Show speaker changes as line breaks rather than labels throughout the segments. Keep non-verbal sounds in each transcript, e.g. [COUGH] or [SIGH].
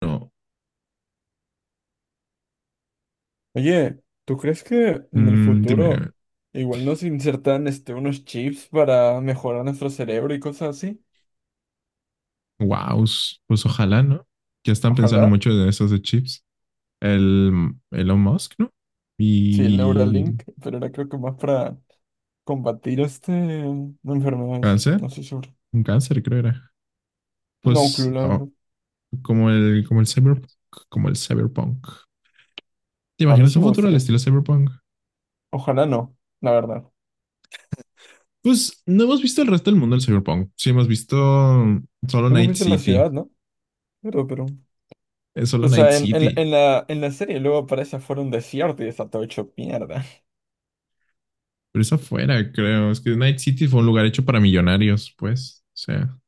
No,
Oye, ¿tú crees que en el
dime.
futuro igual nos insertan unos chips para mejorar nuestro cerebro y cosas así?
Wow, pues ojalá, ¿no? Ya están pensando
Ojalá.
mucho en esos de chips. El Elon Musk, ¿no?
Sí, el
Y el
Neuralink, pero era creo que más para combatir enfermedades.
cáncer,
No estoy seguro.
un cáncer creo era.
No, claro,
Pues
la verdad.
oh, como el cyberpunk, como el cyberpunk. ¿Te
A mí
imaginas
sí
un
me
futuro al
gustaría.
estilo cyberpunk?
Ojalá no, la verdad.
Pues no hemos visto el resto del mundo del cyberpunk. Sí hemos visto solo
Hemos
Night
visto la
City,
ciudad, ¿no? Pero, pero.
es solo
O
Night
sea, en, en, la,
City,
en la en la serie luego aparece afuera un desierto y está todo hecho mierda. [LAUGHS]
pero es afuera, creo. Es que Night City fue un lugar hecho para millonarios, pues, o sea,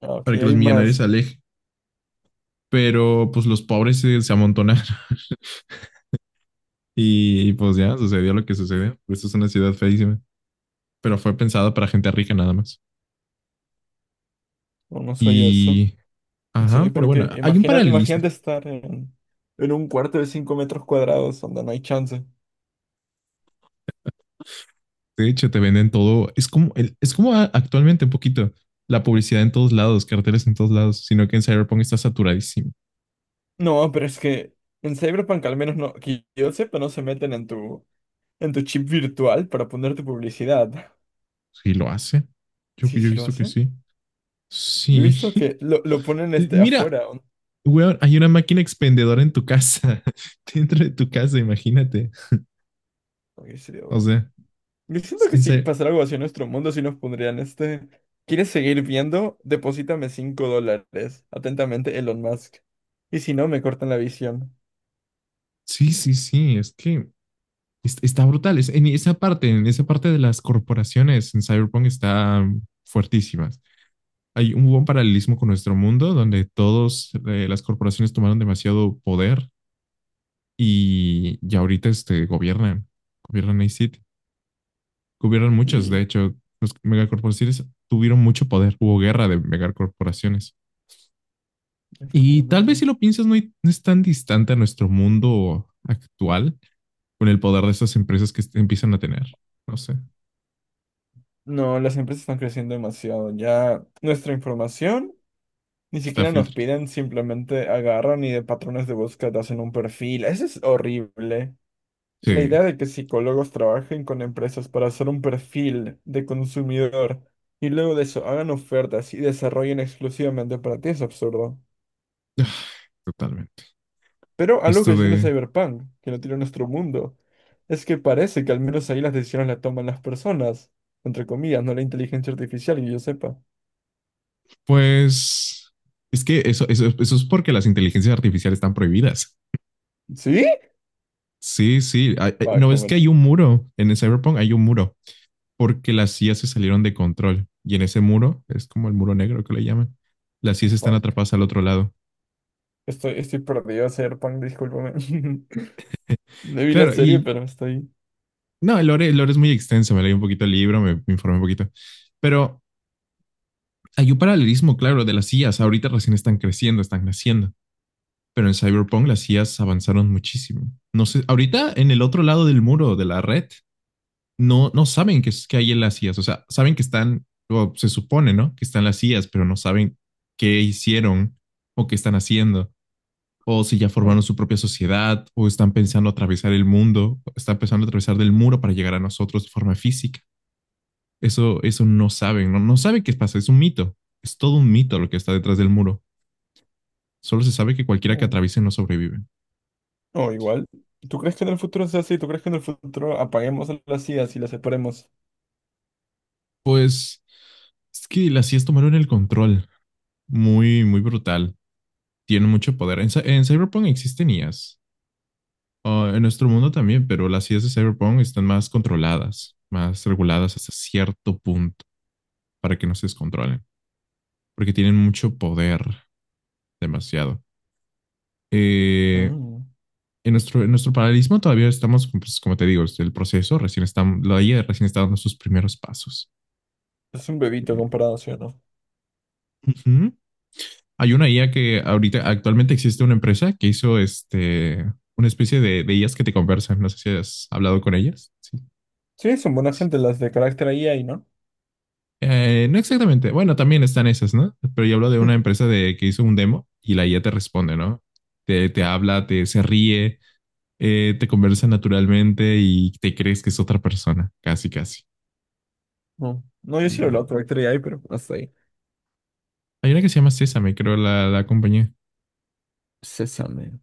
Ok,
para que los
hay
millonarios se
más.
alejen, pero pues los pobres se amontonaron [LAUGHS] y pues ya sucedió lo que sucedió. Esto es una ciudad feísima, pero fue pensada para gente rica nada más.
O no soy eso.
Y ajá,
Sí,
pero bueno,
porque
hay un paralelismo.
imagínate en un cuarto de 5 metros cuadrados donde no hay chance.
De hecho, te venden todo. Es como es como actualmente un poquito la publicidad en todos lados, carteles en todos lados, sino que en Cyberpunk está saturadísimo.
No, pero es que en Cyberpunk al menos no, que yo sepa, no se meten en en tu chip virtual para poner tu publicidad.
Sí, lo hace.
Sí,
Yo he
sí lo
visto que
hacen.
sí.
Yo he
Sí.
visto que lo ponen
[LAUGHS] Mira,
afuera, ¿o no?
weón, hay una máquina expendedora en tu casa, [LAUGHS] dentro de tu casa, imagínate.
Ok, sería
O
duro.
sea,
Yo siento que
en
si
serio.
pasara algo así en nuestro mundo, si nos pondrían este. ¿Quieres seguir viendo? Deposítame 5 dólares. Atentamente, Elon Musk. Y si no, me cortan la visión.
Sí, sí, sí, es que está brutal. Es, en esa parte de las corporaciones en Cyberpunk está mm, fuertísimas. Hay un buen paralelismo con nuestro mundo donde todos las corporaciones tomaron demasiado poder y ya ahorita este, gobiernan, gobiernan a City, gobiernan muchos. De
Sí,
hecho, los megacorporaciones tuvieron mucho poder. Hubo guerra de megacorporaciones. Y tal vez
efectivamente.
si lo piensas, no es tan distante a nuestro mundo actual con el poder de esas empresas que empiezan a tener. No sé,
No, las empresas están creciendo demasiado. Ya nuestra información ni
está
siquiera nos
filtrado.
piden, simplemente agarran y de patrones de búsqueda hacen un perfil. Eso es horrible.
Sí,
La idea de que psicólogos trabajen con empresas para hacer un perfil de consumidor y luego de eso hagan ofertas y desarrollen exclusivamente para ti es absurdo.
[SIGHS] totalmente.
Pero algo
Esto
que sí tiene
de,
Cyberpunk, que no tiene nuestro mundo, es que parece que al menos ahí las decisiones las toman las personas, entre comillas, no la inteligencia artificial, que yo sepa.
pues, es que eso es porque las inteligencias artificiales están prohibidas.
¿Sí?
Sí, sí.
Fuck,
No,
no
es que
me...
hay un muro en el Cyberpunk, hay un muro porque las IA se salieron de control, y en ese muro es como el muro negro que le llaman. Las IAs están
Fuck.
atrapadas al otro lado.
Estoy perdido, Serpunk, discúlpame. [LAUGHS] No vi la
Claro,
serie,
y
pero estoy...
no, el lore es muy extenso. Me leí un poquito el libro, me informé un poquito, pero hay un paralelismo claro de las IAs. Ahorita recién están creciendo, están naciendo. Pero en Cyberpunk las IAs avanzaron muchísimo. No sé, ahorita en el otro lado del muro de la red, no, no saben que hay en las IAs. O sea, saben que están, o se supone, ¿no? Que están las IAs, pero no saben qué hicieron o qué están haciendo. O si ya
No,
formaron su propia sociedad, o están pensando atravesar el mundo, están pensando atravesar del muro para llegar a nosotros de forma física. Eso no saben, no, no saben qué pasa, es un mito. Es todo un mito lo que está detrás del muro. Solo se sabe que cualquiera que
no.
atraviese no sobrevive.
No, igual. ¿Tú crees que en el futuro sea así? ¿Tú crees que en el futuro apaguemos a las IAs y las separemos?
Pues es que las IAs tomaron el control. Muy, muy brutal. Tienen mucho poder. En Cyberpunk existen IAs. Ah, en nuestro mundo también, pero las IAs de Cyberpunk están más controladas, más reguladas hasta cierto punto para que no se descontrolen, porque tienen mucho poder, demasiado. Eh,
Mm.
en nuestro paralelismo todavía estamos, pues, como te digo, el proceso recién está, la IA recién está dando sus primeros pasos.
Es un bebito
Eh,
comparado, ¿sí o no?
Hay una IA que ahorita actualmente existe una empresa que hizo una especie de IAs que te conversan. No sé si has hablado con ellas. Sí,
Sí, son buena
sí.
gente las de carácter AI, ¿no?
No exactamente. Bueno, también están esas, ¿no? Pero yo hablo de una
[LAUGHS]
empresa de que hizo un demo y la IA te responde, ¿no? Te habla, te se ríe, te conversa naturalmente y te crees que es otra persona, casi, casi.
No, no, yo sí lo
Y
hablo de carácter AI, pero hasta ahí.
hay una que se llama Sésame, creo, la compañía,
Sésame.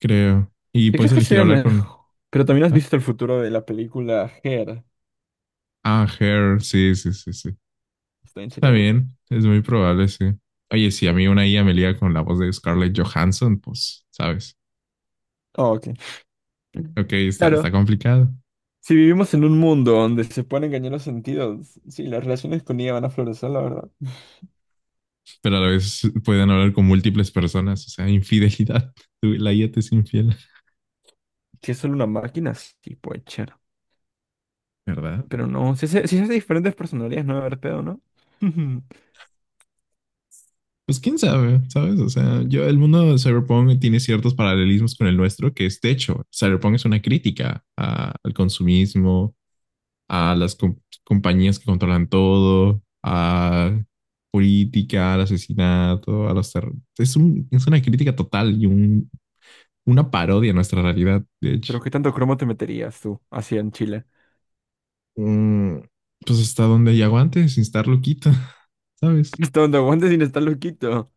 creo. Y
¿Y
puedes
crees que
elegir
sería
hablar con.
mejor? Pero también has
Ah,
visto el futuro de la película Her.
ah, Her, sí, sí, sí, sí.
Está en serio, bro.
También es muy probable, sí. Oye, si a mí una IA me liga con la voz de Scarlett Johansson, pues, ¿sabes?
Oh, ok.
Ok, está
Claro,
complicado,
si vivimos en un mundo donde se pueden engañar los sentidos, sí, las relaciones con ella van a florecer, la verdad.
pero a la vez pueden hablar con múltiples personas, o sea, infidelidad. [LAUGHS] Tú- la IA te es infiel,
Si es solo una máquina, sí, puede ser.
¿verdad?
Pero no, si se hace diferentes personalidades, no va a haber pedo, ¿no? [LAUGHS]
Pues quién sabe, ¿sabes? O sea, yo, el mundo de Cyberpunk tiene ciertos paralelismos con el nuestro, que es, de hecho, Cyberpunk es una crítica al consumismo, a las compañías que controlan todo, a política, al asesinato, a los terror. Es un, es una crítica total y una parodia a nuestra realidad, de hecho.
Pero ¿qué tanto cromo te meterías tú, así en Chile?
Mm, pues hasta donde hay aguante, sin estar loquita, [LAUGHS]
[LAUGHS]
¿sabes?
Hasta donde aguantes sin estar loquito.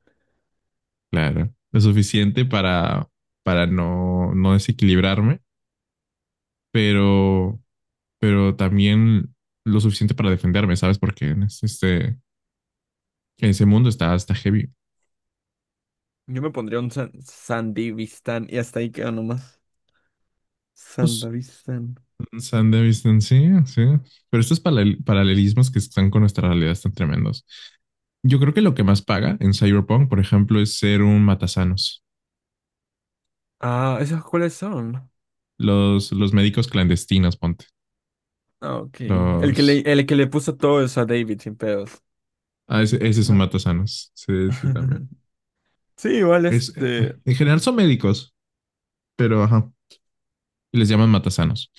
Claro, lo suficiente para no, no desequilibrarme, pero, pero también lo suficiente para defenderme, ¿sabes? Porque en este, ese mundo está, está heavy.
Yo me pondría un San Sandivistán y hasta ahí queda nomás.
Pues
Sandavistán.
San de Vistancia, sí. Pero estos paralelismos que están con nuestra realidad están tremendos. Yo creo que lo que más paga en Cyberpunk, por ejemplo, es ser un matasanos.
Ah, ¿esos cuáles son?
Los médicos clandestinos, ponte.
Ah, ok. El que le,
Los.
el que le puso todo eso a David sin pedos.
Ah, ese es un
No.
matasanos. Sí, sí, también.
[LAUGHS] Sí, igual
Es,
este.
en general son médicos, pero ajá. Y les llaman matasanos.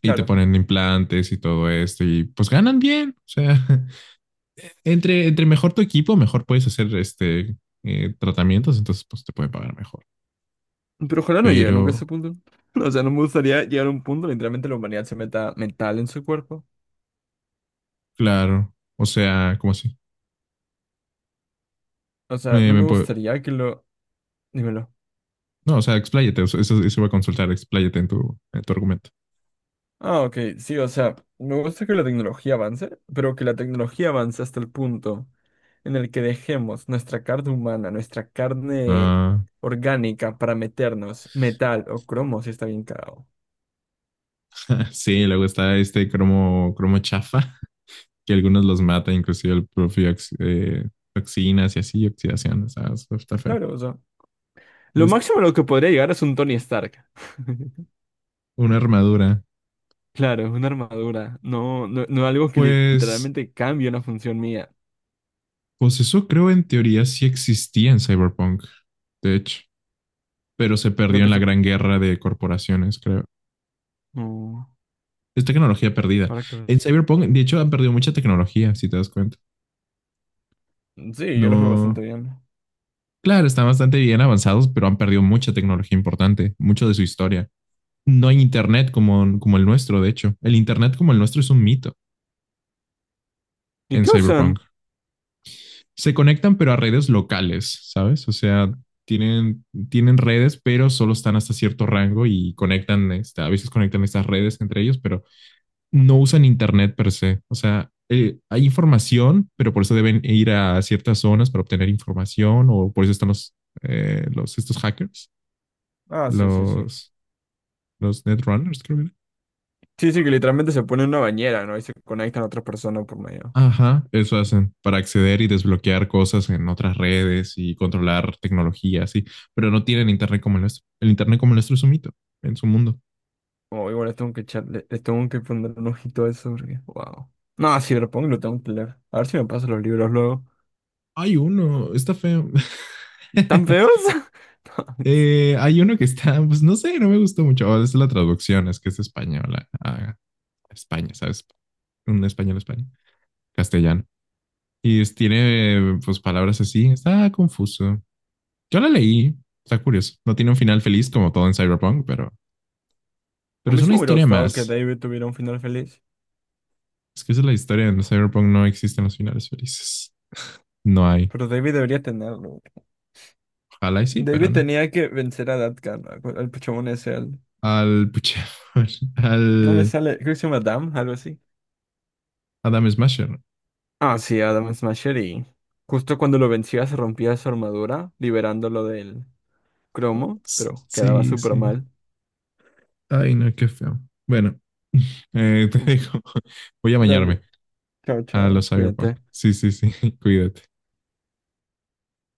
Y te
Claro.
ponen implantes y todo esto. Y pues ganan bien. O sea, [LAUGHS] entre, entre mejor tu equipo, mejor puedes hacer tratamientos. Entonces, pues te pueden pagar mejor.
Pero ojalá no llegue nunca a ese
Pero,
punto. [LAUGHS] O sea, no me gustaría llegar a un punto, literalmente la humanidad se meta mental en su cuerpo.
claro, o sea, ¿cómo así?
O sea,
Me,
no
me
me
puedo-
gustaría que lo... Dímelo.
No, o sea, expláyate, o sea, eso iba a consultar, expláyate en tu argumento.
Ah, ok, sí, o sea, me gusta que la tecnología avance, pero que la tecnología avance hasta el punto en el que dejemos nuestra carne humana, nuestra carne
Ah,
orgánica para meternos metal o cromo si está bien cagado.
[LAUGHS] sí, luego está este cromo, cromo chafa, [LAUGHS] que algunos los mata, inclusive el propio toxinas y así, oxidaciones, ah, eso está feo.
Claro, o sea, lo
Tienes
máximo a lo que podría llegar es un Tony Stark. [LAUGHS]
una armadura.
Claro, es una armadura, no algo que
Pues,
literalmente cambie una función mía.
pues eso creo en teoría sí existía en Cyberpunk, de hecho, pero se
Creo
perdió en
que
la
se...
gran guerra de corporaciones, creo.
No,
Es tecnología perdida.
¿para qué?
En Cyberpunk, de hecho, han perdido mucha tecnología, si te das cuenta.
Sí, yo los veo bastante
No.
bien.
Claro, están bastante bien avanzados, pero han perdido mucha tecnología importante, mucho de su historia. No hay internet como, como el nuestro, de hecho. El internet como el nuestro es un mito
¿Y
en
qué
Cyberpunk.
usan?
Se conectan, pero a redes locales, ¿sabes? O sea, tienen redes, pero solo están hasta cierto rango y conectan, esta, a veces conectan estas redes entre ellos, pero no usan internet per se. O sea, hay información, pero por eso deben ir a ciertas zonas para obtener información o por eso están los estos hackers,
Ah, sí, sí, sí.
los, los netrunners, creo que era.
Sí, sí, que literalmente se pone en una bañera, ¿no? Y se conectan a otras personas por medio.
Ajá, eso hacen para acceder y desbloquear cosas en otras redes y controlar tecnología, sí, pero no tienen internet como el nuestro. El internet como el nuestro es un mito en su mundo.
Oh, igual les tengo que poner un ojito a eso porque, wow. No, sí, lo pongo y lo tengo que leer. A ver si me pasan los libros luego.
Hay uno, está feo.
¿Tan feos?
[LAUGHS]
[LAUGHS]
Hay uno que está, pues no sé, no me gustó mucho. Oh, es la traducción, es que es española. Ah, ah. España, ¿sabes? Un español, España, castellano. Tiene pues palabras así, está confuso. Yo la leí, está curioso. No tiene un final feliz como todo en Cyberpunk,
A
pero es
mí sí
una
me hubiera
historia
gustado que
más.
David tuviera un final feliz.
Es que esa es la historia, en Cyberpunk no existen los finales felices. No hay.
Pero David debería tenerlo.
Ojalá y sí, pero
David
no.
tenía que vencer a Datkan, al pichamón ese, al...
Al, pucha, [LAUGHS]
No me
al
sale, creo que se llama Dam, algo así.
Adam Smasher.
Ah, sí, Adam Smasher y justo cuando lo vencía se rompía su armadura, liberándolo del cromo,
S-
pero quedaba
sí,
súper
sí.
mal.
Ay, no, qué feo. Bueno, [LAUGHS] te dejo. [LAUGHS] Voy a bañarme
Dale,
a
chao,
los Cyberpunk.
cuídate.
Sí, sí, sí. [LAUGHS] Cuídate.